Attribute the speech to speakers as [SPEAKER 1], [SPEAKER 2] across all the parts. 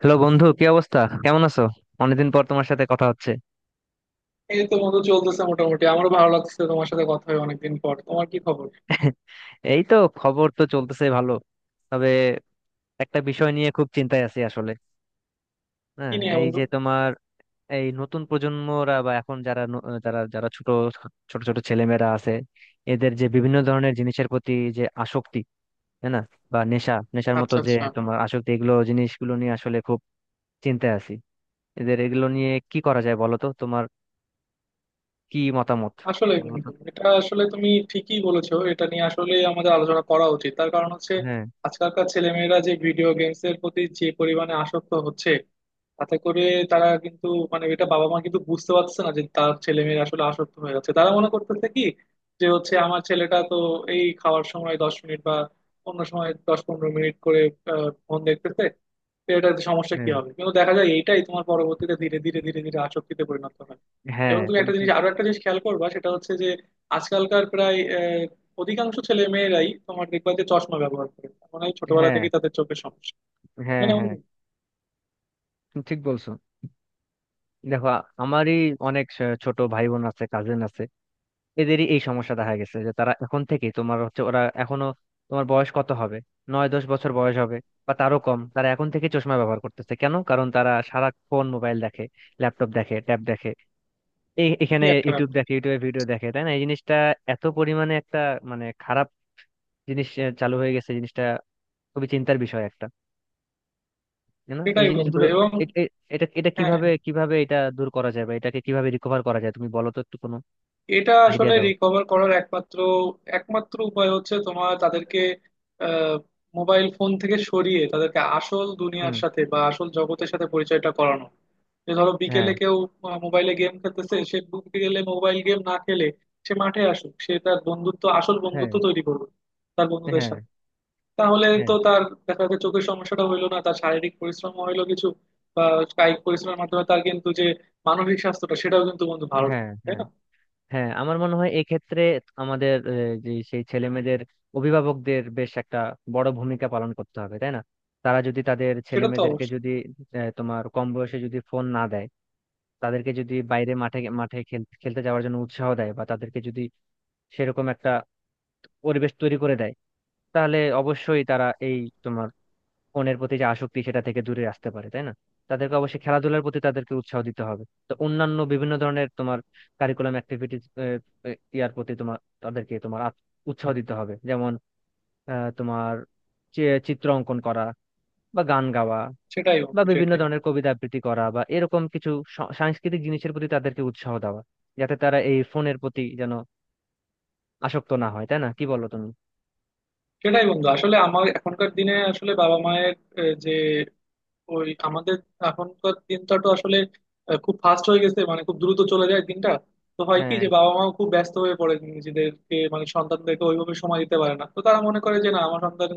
[SPEAKER 1] Hello বন্ধু, কি অবস্থা? কেমন আছো? অনেকদিন পর তোমার সাথে কথা হচ্ছে।
[SPEAKER 2] এই তো বন্ধু, চলতেছে মোটামুটি। আমারও ভালো লাগছে, তোমার সাথে কথা হয় অনেকদিন পর। তোমার কি খবর?
[SPEAKER 1] এই তো, খবর তো চলতেছে ভালো। তবে একটা বিষয় নিয়ে খুব চিন্তায় আছি আসলে।
[SPEAKER 2] কি
[SPEAKER 1] হ্যাঁ,
[SPEAKER 2] নিয়ে
[SPEAKER 1] এই
[SPEAKER 2] বন্ধু?
[SPEAKER 1] যে তোমার এই নতুন প্রজন্মরা বা এখন যারা যারা যারা ছোট ছোট ছোট ছেলেমেয়েরা আছে, এদের যে বিভিন্ন ধরনের জিনিসের প্রতি যে আসক্তি, তাই না? বা নেশা, নেশার মতো
[SPEAKER 2] আচ্ছা
[SPEAKER 1] যে
[SPEAKER 2] আচ্ছা।
[SPEAKER 1] তোমার আসক্তি, এগুলো জিনিসগুলো নিয়ে আসলে খুব চিন্তায় আছি। এদের এগুলো নিয়ে কি করা যায় বলো তো, তোমার কি মতামত?
[SPEAKER 2] আসলে
[SPEAKER 1] বলো তো।
[SPEAKER 2] বন্ধু, এটা আসলে তুমি ঠিকই বলেছো, এটা নিয়ে আসলে আমাদের আলোচনা করা উচিত। তার কারণ হচ্ছে,
[SPEAKER 1] হ্যাঁ।
[SPEAKER 2] আজকালকার ছেলেমেয়েরা যে ভিডিও গেমস এর প্রতি যে পরিমাণে আসক্ত হচ্ছে, তাতে করে তারা কিন্তু, মানে এটা বাবা মা কিন্তু বুঝতে পারছে না যে তার ছেলে মেয়েরা আসলে আসক্ত হয়ে যাচ্ছে। তারা মনে করতেছে কি, যে হচ্ছে আমার ছেলেটা তো এই খাওয়ার সময় 10 মিনিট বা অন্য সময় 10-15 মিনিট করে ফোন দেখতেছে। তো এটাতে সমস্যা কি
[SPEAKER 1] হ্যাঁ
[SPEAKER 2] হবে, কিন্তু দেখা যায় এইটাই তোমার পরবর্তীতে ধীরে ধীরে ধীরে ধীরে আসক্তিতে পরিণত হয়।
[SPEAKER 1] হ্যাঁ
[SPEAKER 2] এবং তুমি
[SPEAKER 1] তুমি
[SPEAKER 2] একটা জিনিস,
[SPEAKER 1] ঠিক।
[SPEAKER 2] আরো একটা জিনিস খেয়াল করবা, সেটা হচ্ছে যে আজকালকার প্রায় অধিকাংশ ছেলে মেয়েরাই তোমার দেখবা যে চশমা ব্যবহার করে। মানে ছোটবেলা
[SPEAKER 1] হ্যাঁ
[SPEAKER 2] থেকেই তাদের চোখের সমস্যা।
[SPEAKER 1] হ্যাঁ
[SPEAKER 2] মানে
[SPEAKER 1] হ্যাঁ,
[SPEAKER 2] বন্ধু,
[SPEAKER 1] তুমি ঠিক বলছো। দেখো, আমারই অনেক ছোট ভাই বোন আছে, কাজিন আছে। এদেরই এই সমস্যা দেখা গেছে যে তারা এখন থেকে তোমার হচ্ছে, ওরা এখনো তোমার বয়স কত হবে, 9-10 বছর বয়স হবে বা তারও কম, তারা এখন থেকে চশমা ব্যবহার করতেছে। কেন? কারণ তারা সারাক্ষণ মোবাইল দেখে, ল্যাপটপ দেখে, ট্যাব দেখে, এই
[SPEAKER 2] কি
[SPEAKER 1] এখানে
[SPEAKER 2] একটা
[SPEAKER 1] ইউটিউব
[SPEAKER 2] ব্যাপার!
[SPEAKER 1] দেখে, ইউটিউবে ভিডিও দেখে। তাই না? এই জিনিসটা এত পরিমাণে একটা মানে খারাপ জিনিস চালু হয়ে গেছে। জিনিসটা খুবই চিন্তার বিষয় একটা। তাই না, এই
[SPEAKER 2] সেটাই বন্ধু।
[SPEAKER 1] জিনিসগুলো?
[SPEAKER 2] এবং
[SPEAKER 1] এ- এ- এটা এটা
[SPEAKER 2] হ্যাঁ হ্যাঁ,
[SPEAKER 1] কিভাবে কিভাবে এটা দূর করা যায় বা এটাকে কিভাবে রিকভার করা যায়, তুমি বলো তো একটু কোনো
[SPEAKER 2] এটা
[SPEAKER 1] আইডিয়া
[SPEAKER 2] আসলে
[SPEAKER 1] দাও।
[SPEAKER 2] রিকভার করার একমাত্র একমাত্র উপায় হচ্ছে তোমার তাদেরকে আহ মোবাইল ফোন থেকে সরিয়ে তাদেরকে আসল দুনিয়ার
[SPEAKER 1] হুম।
[SPEAKER 2] সাথে বা আসল জগতের সাথে পরিচয়টা করানো। যে ধরো,
[SPEAKER 1] হ্যাঁ
[SPEAKER 2] বিকেলে কেউ মোবাইলে গেম খেলতেছে, সে বিকেলে মোবাইল গেম না খেলে সে মাঠে আসুক, সে তার বন্ধুত্ব, আসল
[SPEAKER 1] হ্যাঁ
[SPEAKER 2] বন্ধুত্ব তৈরি করবে তার বন্ধুদের
[SPEAKER 1] হ্যাঁ
[SPEAKER 2] সাথে। তাহলে
[SPEAKER 1] হ্যাঁ
[SPEAKER 2] তো তার দেখা যাচ্ছে চোখের সমস্যাটা হইলো না, তার শারীরিক পরিশ্রম হইলো কিছু, বা কায়িক পরিশ্রমের মাধ্যমে তার কিন্তু যে মানসিক স্বাস্থ্যটা, সেটাও কিন্তু বন্ধু ভালো
[SPEAKER 1] হ্যাঁ
[SPEAKER 2] থাকবে, তাই
[SPEAKER 1] হ্যাঁ
[SPEAKER 2] না?
[SPEAKER 1] হ্যাঁ, আমার মনে হয় এক্ষেত্রে আমাদের যে সেই ছেলে মেয়েদের অভিভাবকদের বেশ একটা বড় ভূমিকা পালন করতে হবে। তাই না? তারা যদি তাদের ছেলে
[SPEAKER 2] সেটা তো
[SPEAKER 1] মেয়েদেরকে
[SPEAKER 2] অবশ্যই।
[SPEAKER 1] যদি তোমার কম বয়সে যদি ফোন না দেয়, তাদেরকে যদি বাইরে মাঠে মাঠে খেলতে যাওয়ার জন্য উৎসাহ দেয় বা তাদেরকে যদি সেরকম একটা পরিবেশ তৈরি করে দেয়, তাহলে অবশ্যই তারা এই তোমার ফোনের প্রতি যে আসক্তি সেটা থেকে দূরে আসতে পারে। তাই না? তাদেরকে অবশ্যই খেলাধুলার প্রতি তাদেরকে উৎসাহ দিতে হবে, তো অন্যান্য বিভিন্ন ধরনের তোমার কারিকুলাম অ্যাক্টিভিটিস ইয়ার প্রতি তোমার তাদেরকে তোমার উৎসাহ দিতে হবে। যেমন তোমার চি- চিত্র অঙ্কন করা বা গান গাওয়া
[SPEAKER 2] সেটাই
[SPEAKER 1] বা
[SPEAKER 2] বন্ধু
[SPEAKER 1] বিভিন্ন
[SPEAKER 2] সেটাই।
[SPEAKER 1] ধরনের কবিতা আবৃত্তি করা বা এরকম কিছু সাংস্কৃতিক জিনিসের প্রতি তাদেরকে উৎসাহ দেওয়া, যাতে তারা এই ফোনের প্রতি যেন আসক্ত না হয়। তাই না, কি বলো তুমি?
[SPEAKER 2] সেটাই বন্ধু, আসলে আমার এখনকার দিনে আসলে বাবা মায়ের যে ওই আমাদের এখনকার দিনটা তো আসলে খুব ফাস্ট হয়ে গেছে, মানে খুব দ্রুত চলে যায় দিনটা। তো হয় কি,
[SPEAKER 1] হ্যাঁ।
[SPEAKER 2] যে বাবা মাও খুব ব্যস্ত হয়ে পড়ে নিজেদেরকে, মানে সন্তানদেরকে ওইভাবে সময় দিতে পারে না। তো তারা মনে করে যে না, আমার সন্তান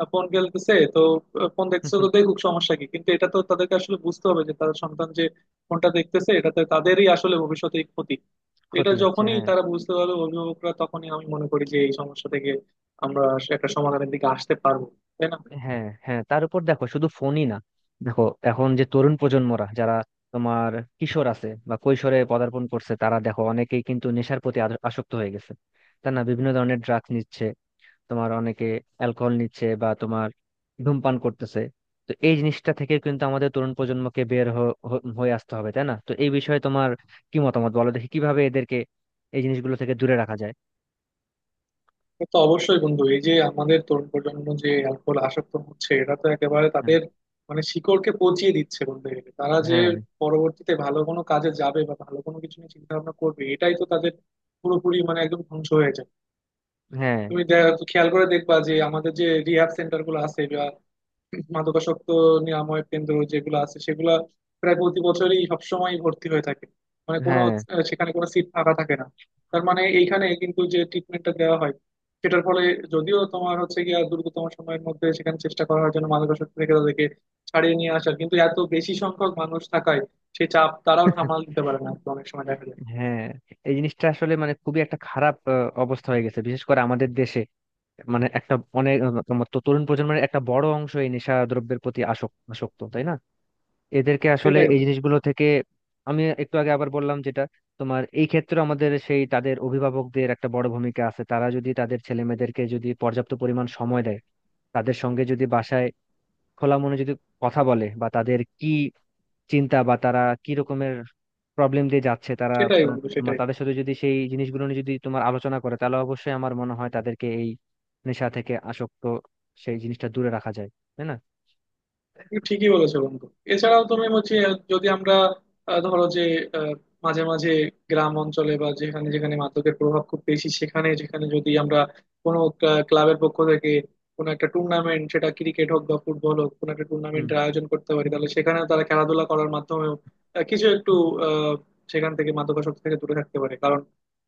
[SPEAKER 2] ফোন খেলতেছে তো ফোন দেখছে তো দেখুক, সমস্যা কি। কিন্তু এটা তো তাদেরকে আসলে বুঝতে হবে যে তাদের সন্তান যে ফোনটা দেখতেছে এটাতে তাদেরই আসলে ভবিষ্যতে ক্ষতি। তো এটা
[SPEAKER 1] ক্ষতি হচ্ছে,
[SPEAKER 2] যখনই
[SPEAKER 1] হ্যাঁ।
[SPEAKER 2] তারা বুঝতে পারবে, অভিভাবকরা, তখনই আমি মনে করি যে এই সমস্যা থেকে আমরা একটা সমাধানের দিকে আসতে পারবো, তাই না?
[SPEAKER 1] হ্যাঁ হ্যাঁ, তার উপর দেখো শুধু ফোনই না, দেখো এখন যে তরুণ প্রজন্মরা যারা তোমার কিশোর আছে বা কৈশোরে পদার্পণ করছে, তারা দেখো অনেকেই কিন্তু নেশার প্রতি আসক্ত হয়ে গেছে। তার না, বিভিন্ন ধরনের ড্রাগস নিচ্ছে, তোমার অনেকে অ্যালকোহল নিচ্ছে বা তোমার ধূমপান করতেছে। তো এই জিনিসটা থেকে কিন্তু আমাদের তরুণ প্রজন্মকে বের হয়ে আসতে হবে। তাই না? তো এই বিষয়ে তোমার কি মতামত? বলো দেখি কিভাবে এদেরকে এই জিনিসগুলো থেকে দূরে রাখা যায়।
[SPEAKER 2] সে তো অবশ্যই বন্ধু। এই যে আমাদের তরুণ প্রজন্ম যে অ্যালকোহল আসক্ত হচ্ছে, এটা তো একেবারে
[SPEAKER 1] হ্যাঁ
[SPEAKER 2] তাদের মানে শিকড়কে পচিয়ে দিচ্ছে বলতে গেলে। তারা যে
[SPEAKER 1] হ্যাঁ
[SPEAKER 2] পরবর্তীতে ভালো কোনো কাজে যাবে বা ভালো কোনো কিছু নিয়ে চিন্তা ভাবনা করবে, এটাই তো তাদের পুরোপুরি, মানে একদম ধ্বংস হয়ে যায়।
[SPEAKER 1] হ্যাঁ
[SPEAKER 2] তুমি খেয়াল করে দেখবা যে আমাদের যে রিহ্যাব সেন্টার গুলো আছে, বা মাদকাসক্ত নিরাময় কেন্দ্র যেগুলো আছে, সেগুলা প্রায় প্রতি বছরই সবসময় ভর্তি হয়ে থাকে। মানে কোনো
[SPEAKER 1] হ্যাঁ
[SPEAKER 2] সেখানে কোনো সিট ফাঁকা থাকে না। তার মানে এইখানে কিন্তু যে ট্রিটমেন্টটা দেওয়া হয় সেটার ফলে, যদিও তোমার হচ্ছে গিয়া দ্রুততম সময়ের মধ্যে সেখানে চেষ্টা করা হয় যেন মাদকাসক্ত থেকে তাদেরকে ছাড়িয়ে নিয়ে আসার, কিন্তু এত বেশি সংখ্যক মানুষ থাকায় সে চাপ তারাও সামাল দিতে পারে না অনেক সময় দেখা যায়।
[SPEAKER 1] হ্যাঁ, এই জিনিসটা আসলে মানে খুবই একটা খারাপ অবস্থা হয়ে গেছে, বিশেষ করে আমাদের দেশে। মানে একটা অনেক তোমার তো তরুণ প্রজন্মের একটা বড় অংশ এই নেশা দ্রব্যের প্রতি আসক্ত আসক্ত। তাই না? এদেরকে আসলে
[SPEAKER 2] সেটাই
[SPEAKER 1] এই
[SPEAKER 2] বন্ধু
[SPEAKER 1] জিনিসগুলো থেকে, আমি একটু আগে আবার বললাম যেটা, তোমার এই ক্ষেত্রে আমাদের সেই তাদের অভিভাবকদের একটা বড় ভূমিকা আছে। তারা যদি তাদের ছেলে মেয়েদেরকে যদি পর্যাপ্ত পরিমাণ সময় দেয়, তাদের সঙ্গে যদি বাসায় খোলা মনে যদি কথা বলে বা তাদের কি চিন্তা বা তারা কি রকমের প্রবলেম দিয়ে যাচ্ছে তারা
[SPEAKER 2] সেটাই। বন্ধু
[SPEAKER 1] তোমার
[SPEAKER 2] সেটাই,
[SPEAKER 1] তাদের সাথে যদি সেই জিনিসগুলো নিয়ে যদি তোমার আলোচনা করে, তাহলে অবশ্যই আমার মনে হয় তাদেরকে এই নেশা থেকে আসক্ত সেই জিনিসটা দূরে রাখা যায়। তাই না?
[SPEAKER 2] তুমি ঠিকই বলেছো বন্ধু। এছাড়াও তুমি হচ্ছে, যদি আমরা ধরো যে আহ, মাঝে মাঝে গ্রাম অঞ্চলে, বা যেখানে যেখানে মাদকের প্রভাব খুব বেশি সেখানে, যেখানে যদি আমরা কোনো ক্লাবের পক্ষ থেকে কোনো একটা টুর্নামেন্ট, সেটা ক্রিকেট হোক বা ফুটবল হোক, কোনো একটা
[SPEAKER 1] হুম।
[SPEAKER 2] টুর্নামেন্টের আয়োজন করতে পারি, তাহলে সেখানেও তারা খেলাধুলা করার মাধ্যমেও কিছু একটু আহ, সেখান থেকে মাদকাসক্তি থেকে দূরে থাকতে পারে। কারণ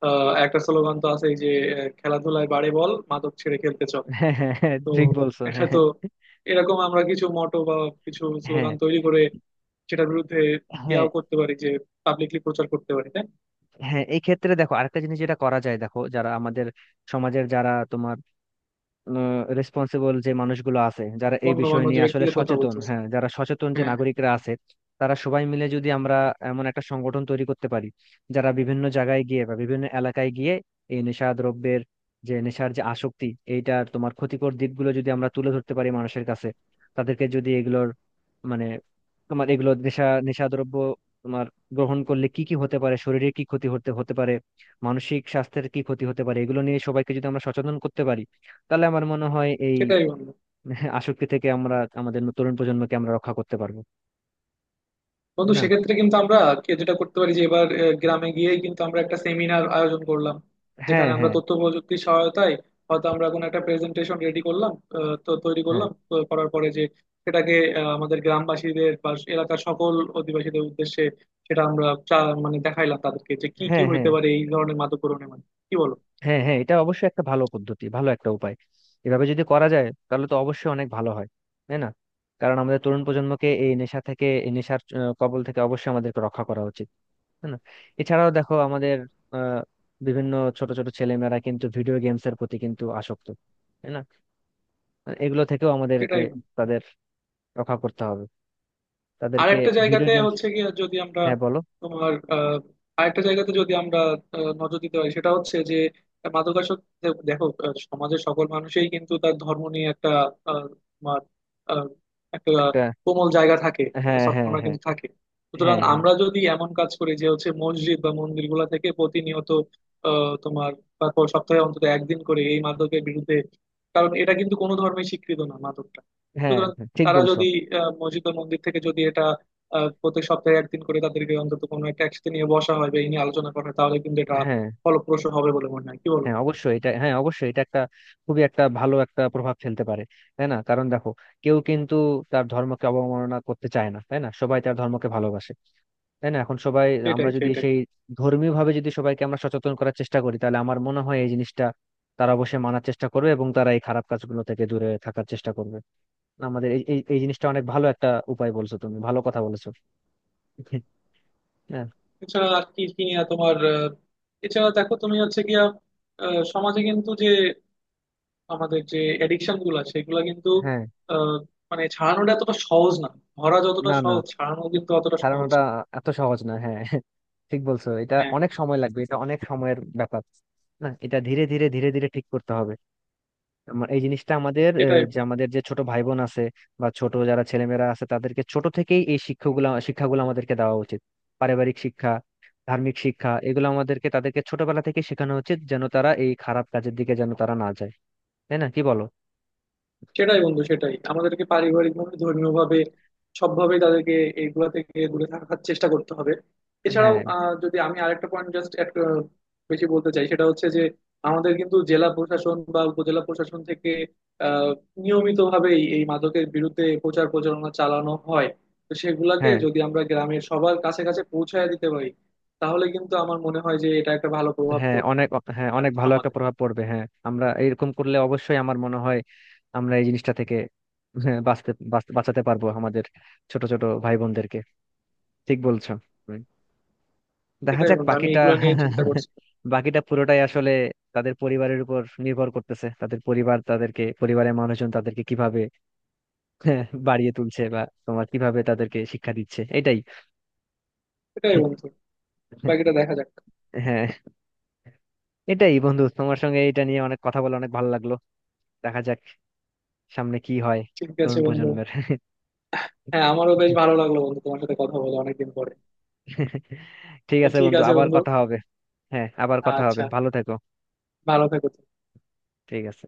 [SPEAKER 2] একটা স্লোগান তো আছেই যে, খেলাধুলায় বাড়ে বল, মাদক ছেড়ে খেলতে চল।
[SPEAKER 1] হ্যাঁ হ্যাঁ হ্যাঁ,
[SPEAKER 2] তো
[SPEAKER 1] ঠিক বলছো।
[SPEAKER 2] এটা
[SPEAKER 1] হ্যাঁ
[SPEAKER 2] তো এরকম আমরা কিছু মোটো বা কিছু
[SPEAKER 1] হ্যাঁ
[SPEAKER 2] স্লোগান তৈরি করে সেটার বিরুদ্ধে
[SPEAKER 1] হ্যাঁ
[SPEAKER 2] ইয়াও করতে পারি, যে পাবলিকলি প্রচার করতে পারি, তাই না?
[SPEAKER 1] হ্যাঁ, এই ক্ষেত্রে দেখো আরেকটা জিনিস যেটা করা যায়। দেখো যারা আমাদের সমাজের যারা তোমার রেসপন্সিবল যে মানুষগুলো আছে, যারা এই বিষয়
[SPEAKER 2] গণ্যমান্য যে
[SPEAKER 1] নিয়ে আসলে
[SPEAKER 2] ব্যক্তিদের কথা
[SPEAKER 1] সচেতন,
[SPEAKER 2] বলতেছে।
[SPEAKER 1] হ্যাঁ যারা সচেতন যে
[SPEAKER 2] হ্যাঁ হ্যাঁ।
[SPEAKER 1] নাগরিকরা আছে, তারা সবাই মিলে যদি আমরা এমন একটা সংগঠন তৈরি করতে পারি যারা বিভিন্ন জায়গায় গিয়ে বা বিভিন্ন এলাকায় গিয়ে এই নেশা দ্রব্যের যে নেশার যে আসক্তি, এইটার তোমার ক্ষতিকর দিকগুলো যদি আমরা তুলে ধরতে পারি মানুষের কাছে, তাদেরকে যদি এগুলোর মানে তোমার এগুলো নেশা নেশাদ্রব্য তোমার গ্রহণ করলে কি কি হতে পারে, শরীরে কি ক্ষতি হতে হতে পারে, মানসিক স্বাস্থ্যের কি ক্ষতি হতে পারে, এগুলো নিয়ে সবাইকে যদি আমরা সচেতন করতে পারি, তাহলে আমার মনে হয় এই
[SPEAKER 2] সেটাই বন্ধু।
[SPEAKER 1] আসক্তি থেকে আমরা আমাদের তরুণ প্রজন্মকে আমরা রক্ষা করতে পারবো। তাই
[SPEAKER 2] বন্ধু,
[SPEAKER 1] না?
[SPEAKER 2] সেক্ষেত্রে কিন্তু আমরা কে যেটা করতে পারি, যে এবার গ্রামে গিয়েই কিন্তু আমরা একটা সেমিনার আয়োজন করলাম,
[SPEAKER 1] হ্যাঁ
[SPEAKER 2] যেখানে আমরা
[SPEAKER 1] হ্যাঁ
[SPEAKER 2] তথ্য প্রযুক্তির সহায়তায় হয়তো আমরা কোনো একটা প্রেজেন্টেশন রেডি করলাম, তো তৈরি
[SPEAKER 1] হ্যাঁ
[SPEAKER 2] করলাম, তো করার পরে যে সেটাকে আমাদের গ্রামবাসীদের বা এলাকার সকল অধিবাসীদের উদ্দেশ্যে সেটা আমরা মানে দেখাইলাম তাদেরকে যে কি কি
[SPEAKER 1] হ্যাঁ
[SPEAKER 2] হইতে
[SPEAKER 1] হ্যাঁ
[SPEAKER 2] পারে এই ধরনের মাদক মাধ্যমে। কি বলো?
[SPEAKER 1] হ্যাঁ হ্যাঁ, এটা অবশ্যই একটা ভালো পদ্ধতি, ভালো একটা উপায়। এভাবে যদি করা যায় তাহলে তো অবশ্যই অনেক ভালো হয়। তাই না? কারণ আমাদের তরুণ প্রজন্মকে এই নেশা থেকে, এই নেশার কবল থেকে অবশ্যই আমাদেরকে রক্ষা করা উচিত। তাই না? এছাড়াও দেখো আমাদের আহ বিভিন্ন ছোট ছোট ছেলেমেয়েরা কিন্তু ভিডিও গেমস এর প্রতি কিন্তু আসক্ত। তাই না? এগুলো থেকেও আমাদেরকে
[SPEAKER 2] সেটাই।
[SPEAKER 1] তাদের রক্ষা করতে হবে।
[SPEAKER 2] আর
[SPEAKER 1] তাদেরকে
[SPEAKER 2] একটা
[SPEAKER 1] ভিডিও
[SPEAKER 2] জায়গাতে
[SPEAKER 1] গেমস।
[SPEAKER 2] হচ্ছে কি, যদি আমরা
[SPEAKER 1] হ্যাঁ বলো।
[SPEAKER 2] তোমার আরেকটা জায়গাতে যদি আমরা নজর দিতে পারি, সেটা হচ্ছে যে মাদকাসক্ত দেখো, সমাজের সকল মানুষই কিন্তু তার ধর্ম নিয়ে একটা আহ, তোমার আহ, একটা
[SPEAKER 1] একটা।
[SPEAKER 2] কোমল জায়গা থাকে, একটা
[SPEAKER 1] হ্যাঁ হ্যাঁ
[SPEAKER 2] সবকণা
[SPEAKER 1] হ্যাঁ
[SPEAKER 2] কিন্তু থাকে। সুতরাং
[SPEAKER 1] হ্যাঁ হ্যাঁ
[SPEAKER 2] আমরা যদি এমন কাজ করি যে হচ্ছে মসজিদ বা মন্দিরগুলো থেকে প্রতিনিয়ত তোমার সপ্তাহে অন্তত একদিন করে এই মাদকের বিরুদ্ধে, কারণ এটা কিন্তু কোনো ধর্মেই স্বীকৃত না মাদকটা।
[SPEAKER 1] হ্যাঁ
[SPEAKER 2] সুতরাং
[SPEAKER 1] হ্যাঁ, ঠিক
[SPEAKER 2] তারা
[SPEAKER 1] বলছো।
[SPEAKER 2] যদি মসজিদ ও মন্দির থেকে যদি এটা প্রত্যেক সপ্তাহে একদিন করে তাদেরকে অন্তত কোনো একটা একসাথে নিয়ে বসা হয় বা এই নিয়ে আলোচনা করা হয়, তাহলে কিন্তু এটা
[SPEAKER 1] হ্যাঁ,
[SPEAKER 2] ফলপ্রসূ হবে বলে মনে হয়, কি বলো?
[SPEAKER 1] হ্যাঁ অবশ্যই এটা, হ্যাঁ অবশ্যই এটা একটা খুবই একটা ভালো একটা প্রভাব ফেলতে পারে। তাই না? কারণ দেখো, কেউ কিন্তু তার ধর্মকে অবমাননা করতে চায় না। তাই না, সবাই তার ধর্মকে ভালোবাসে। তাই না, এখন সবাই আমরা
[SPEAKER 2] সেটাই
[SPEAKER 1] যদি
[SPEAKER 2] সেটাই।
[SPEAKER 1] সেই ধর্মীয় ভাবে যদি সবাইকে আমরা সচেতন করার চেষ্টা করি, তাহলে আমার মনে হয় এই জিনিসটা তারা অবশ্যই মানার চেষ্টা করবে এবং তারা এই খারাপ কাজগুলো থেকে দূরে থাকার চেষ্টা করবে। আমাদের এই এই এই জিনিসটা অনেক ভালো একটা উপায় বলছো তুমি, ভালো কথা বলেছো। হ্যাঁ।
[SPEAKER 2] এছাড়া আর কি কি নিয়ে তোমার এছাড়া দেখো তুমি হচ্ছে গিয়া সমাজে কিন্তু যে আমাদের যে এডিকশন গুলা, সেগুলা কিন্তু
[SPEAKER 1] হ্যাঁ,
[SPEAKER 2] আহ, মানে ছাড়ানোটা এতটা সহজ না। ধরা যতটা
[SPEAKER 1] না না,
[SPEAKER 2] সহজ, ছাড়ানো কিন্তু অতটা সহজ
[SPEAKER 1] ছাড়ানোটা
[SPEAKER 2] না।
[SPEAKER 1] এত সহজ না। হ্যাঁ ঠিক বলছো। এটা
[SPEAKER 2] হ্যাঁ
[SPEAKER 1] অনেক সময় লাগবে, এটা অনেক সময়ের ব্যাপার। না, এটা ধীরে ধীরে ধীরে ধীরে ঠিক করতে হবে। আমার এই জিনিসটা আমাদের
[SPEAKER 2] এটাই।
[SPEAKER 1] যে আমাদের যে ছোট ভাই বোন আছে বা ছোট যারা ছেলেমেয়েরা আছে তাদেরকে ছোট থেকেই এই শিক্ষাগুলো শিক্ষাগুলো আমাদেরকে দেওয়া উচিত। পারিবারিক শিক্ষা, ধার্মিক শিক্ষা, এগুলো আমাদেরকে তাদেরকে ছোটবেলা থেকে শেখানো উচিত, যেন তারা এই খারাপ কাজের দিকে যেন তারা না যায়। তাই না, কি বলো?
[SPEAKER 2] সেটাই বন্ধু সেটাই, আমাদেরকে পারিবারিক ভাবে, ধর্মীয় ভাবে, সবভাবে তাদেরকে এইগুলা থেকে দূরে থাকার চেষ্টা করতে হবে। এছাড়াও
[SPEAKER 1] হ্যাঁ।
[SPEAKER 2] যদি আমি আরেকটা পয়েন্ট জাস্ট বেশি বলতে চাই, সেটা হচ্ছে যে আমাদের কিন্তু জেলা প্রশাসন বা উপজেলা প্রশাসন থেকে আহ নিয়মিতভাবেই এই মাদকের বিরুদ্ধে প্রচার প্রচারণা চালানো হয়। তো সেগুলাকে
[SPEAKER 1] হ্যাঁ
[SPEAKER 2] যদি আমরা গ্রামের সবার কাছে কাছে পৌঁছায় দিতে পারি, তাহলে কিন্তু আমার মনে হয় যে এটা একটা ভালো প্রভাব
[SPEAKER 1] হ্যাঁ
[SPEAKER 2] পড়বে
[SPEAKER 1] অনেক, হ্যাঁ
[SPEAKER 2] তার
[SPEAKER 1] অনেক ভালো একটা
[SPEAKER 2] সমাজে।
[SPEAKER 1] প্রভাব পড়বে। হ্যাঁ আমরা এরকম করলে অবশ্যই আমার মনে হয় আমরা এই জিনিসটা থেকে, হ্যাঁ, বাঁচতে বাঁচাতে পারবো আমাদের ছোট ছোট ভাই বোনদেরকে। ঠিক বলছো। হুম। দেখা
[SPEAKER 2] সেটাই
[SPEAKER 1] যাক
[SPEAKER 2] বন্ধু, আমি
[SPEAKER 1] বাকিটা।
[SPEAKER 2] এগুলো নিয়ে চিন্তা করছি।
[SPEAKER 1] বাকিটা পুরোটাই আসলে তাদের পরিবারের উপর নির্ভর করতেছে। তাদের পরিবার তাদেরকে, পরিবারের মানুষজন তাদেরকে কিভাবে, হ্যাঁ, বাড়িয়ে তুলছে বা তোমার কিভাবে তাদেরকে শিক্ষা দিচ্ছে, এটাই।
[SPEAKER 2] এটাই বন্ধু, বাকিটা দেখা যাক।
[SPEAKER 1] হ্যাঁ। এটাই বন্ধু, তোমার সঙ্গে এটা নিয়ে অনেক কথা বলে অনেক ভালো লাগলো। দেখা যাক সামনে কি হয়,
[SPEAKER 2] ঠিক আছে
[SPEAKER 1] তরুণ
[SPEAKER 2] বন্ধু।
[SPEAKER 1] প্রজন্মের।
[SPEAKER 2] হ্যাঁ আমারও বেশ ভালো লাগলো বন্ধু, তোমার সাথে কথা বলে অনেকদিন পরে।
[SPEAKER 1] ঠিক আছে
[SPEAKER 2] ঠিক
[SPEAKER 1] বন্ধু,
[SPEAKER 2] আছে
[SPEAKER 1] আবার
[SPEAKER 2] বন্ধু।
[SPEAKER 1] কথা হবে। হ্যাঁ আবার কথা হবে,
[SPEAKER 2] আচ্ছা,
[SPEAKER 1] ভালো থেকো।
[SPEAKER 2] ভালো থেকো তুমি।
[SPEAKER 1] ঠিক আছে।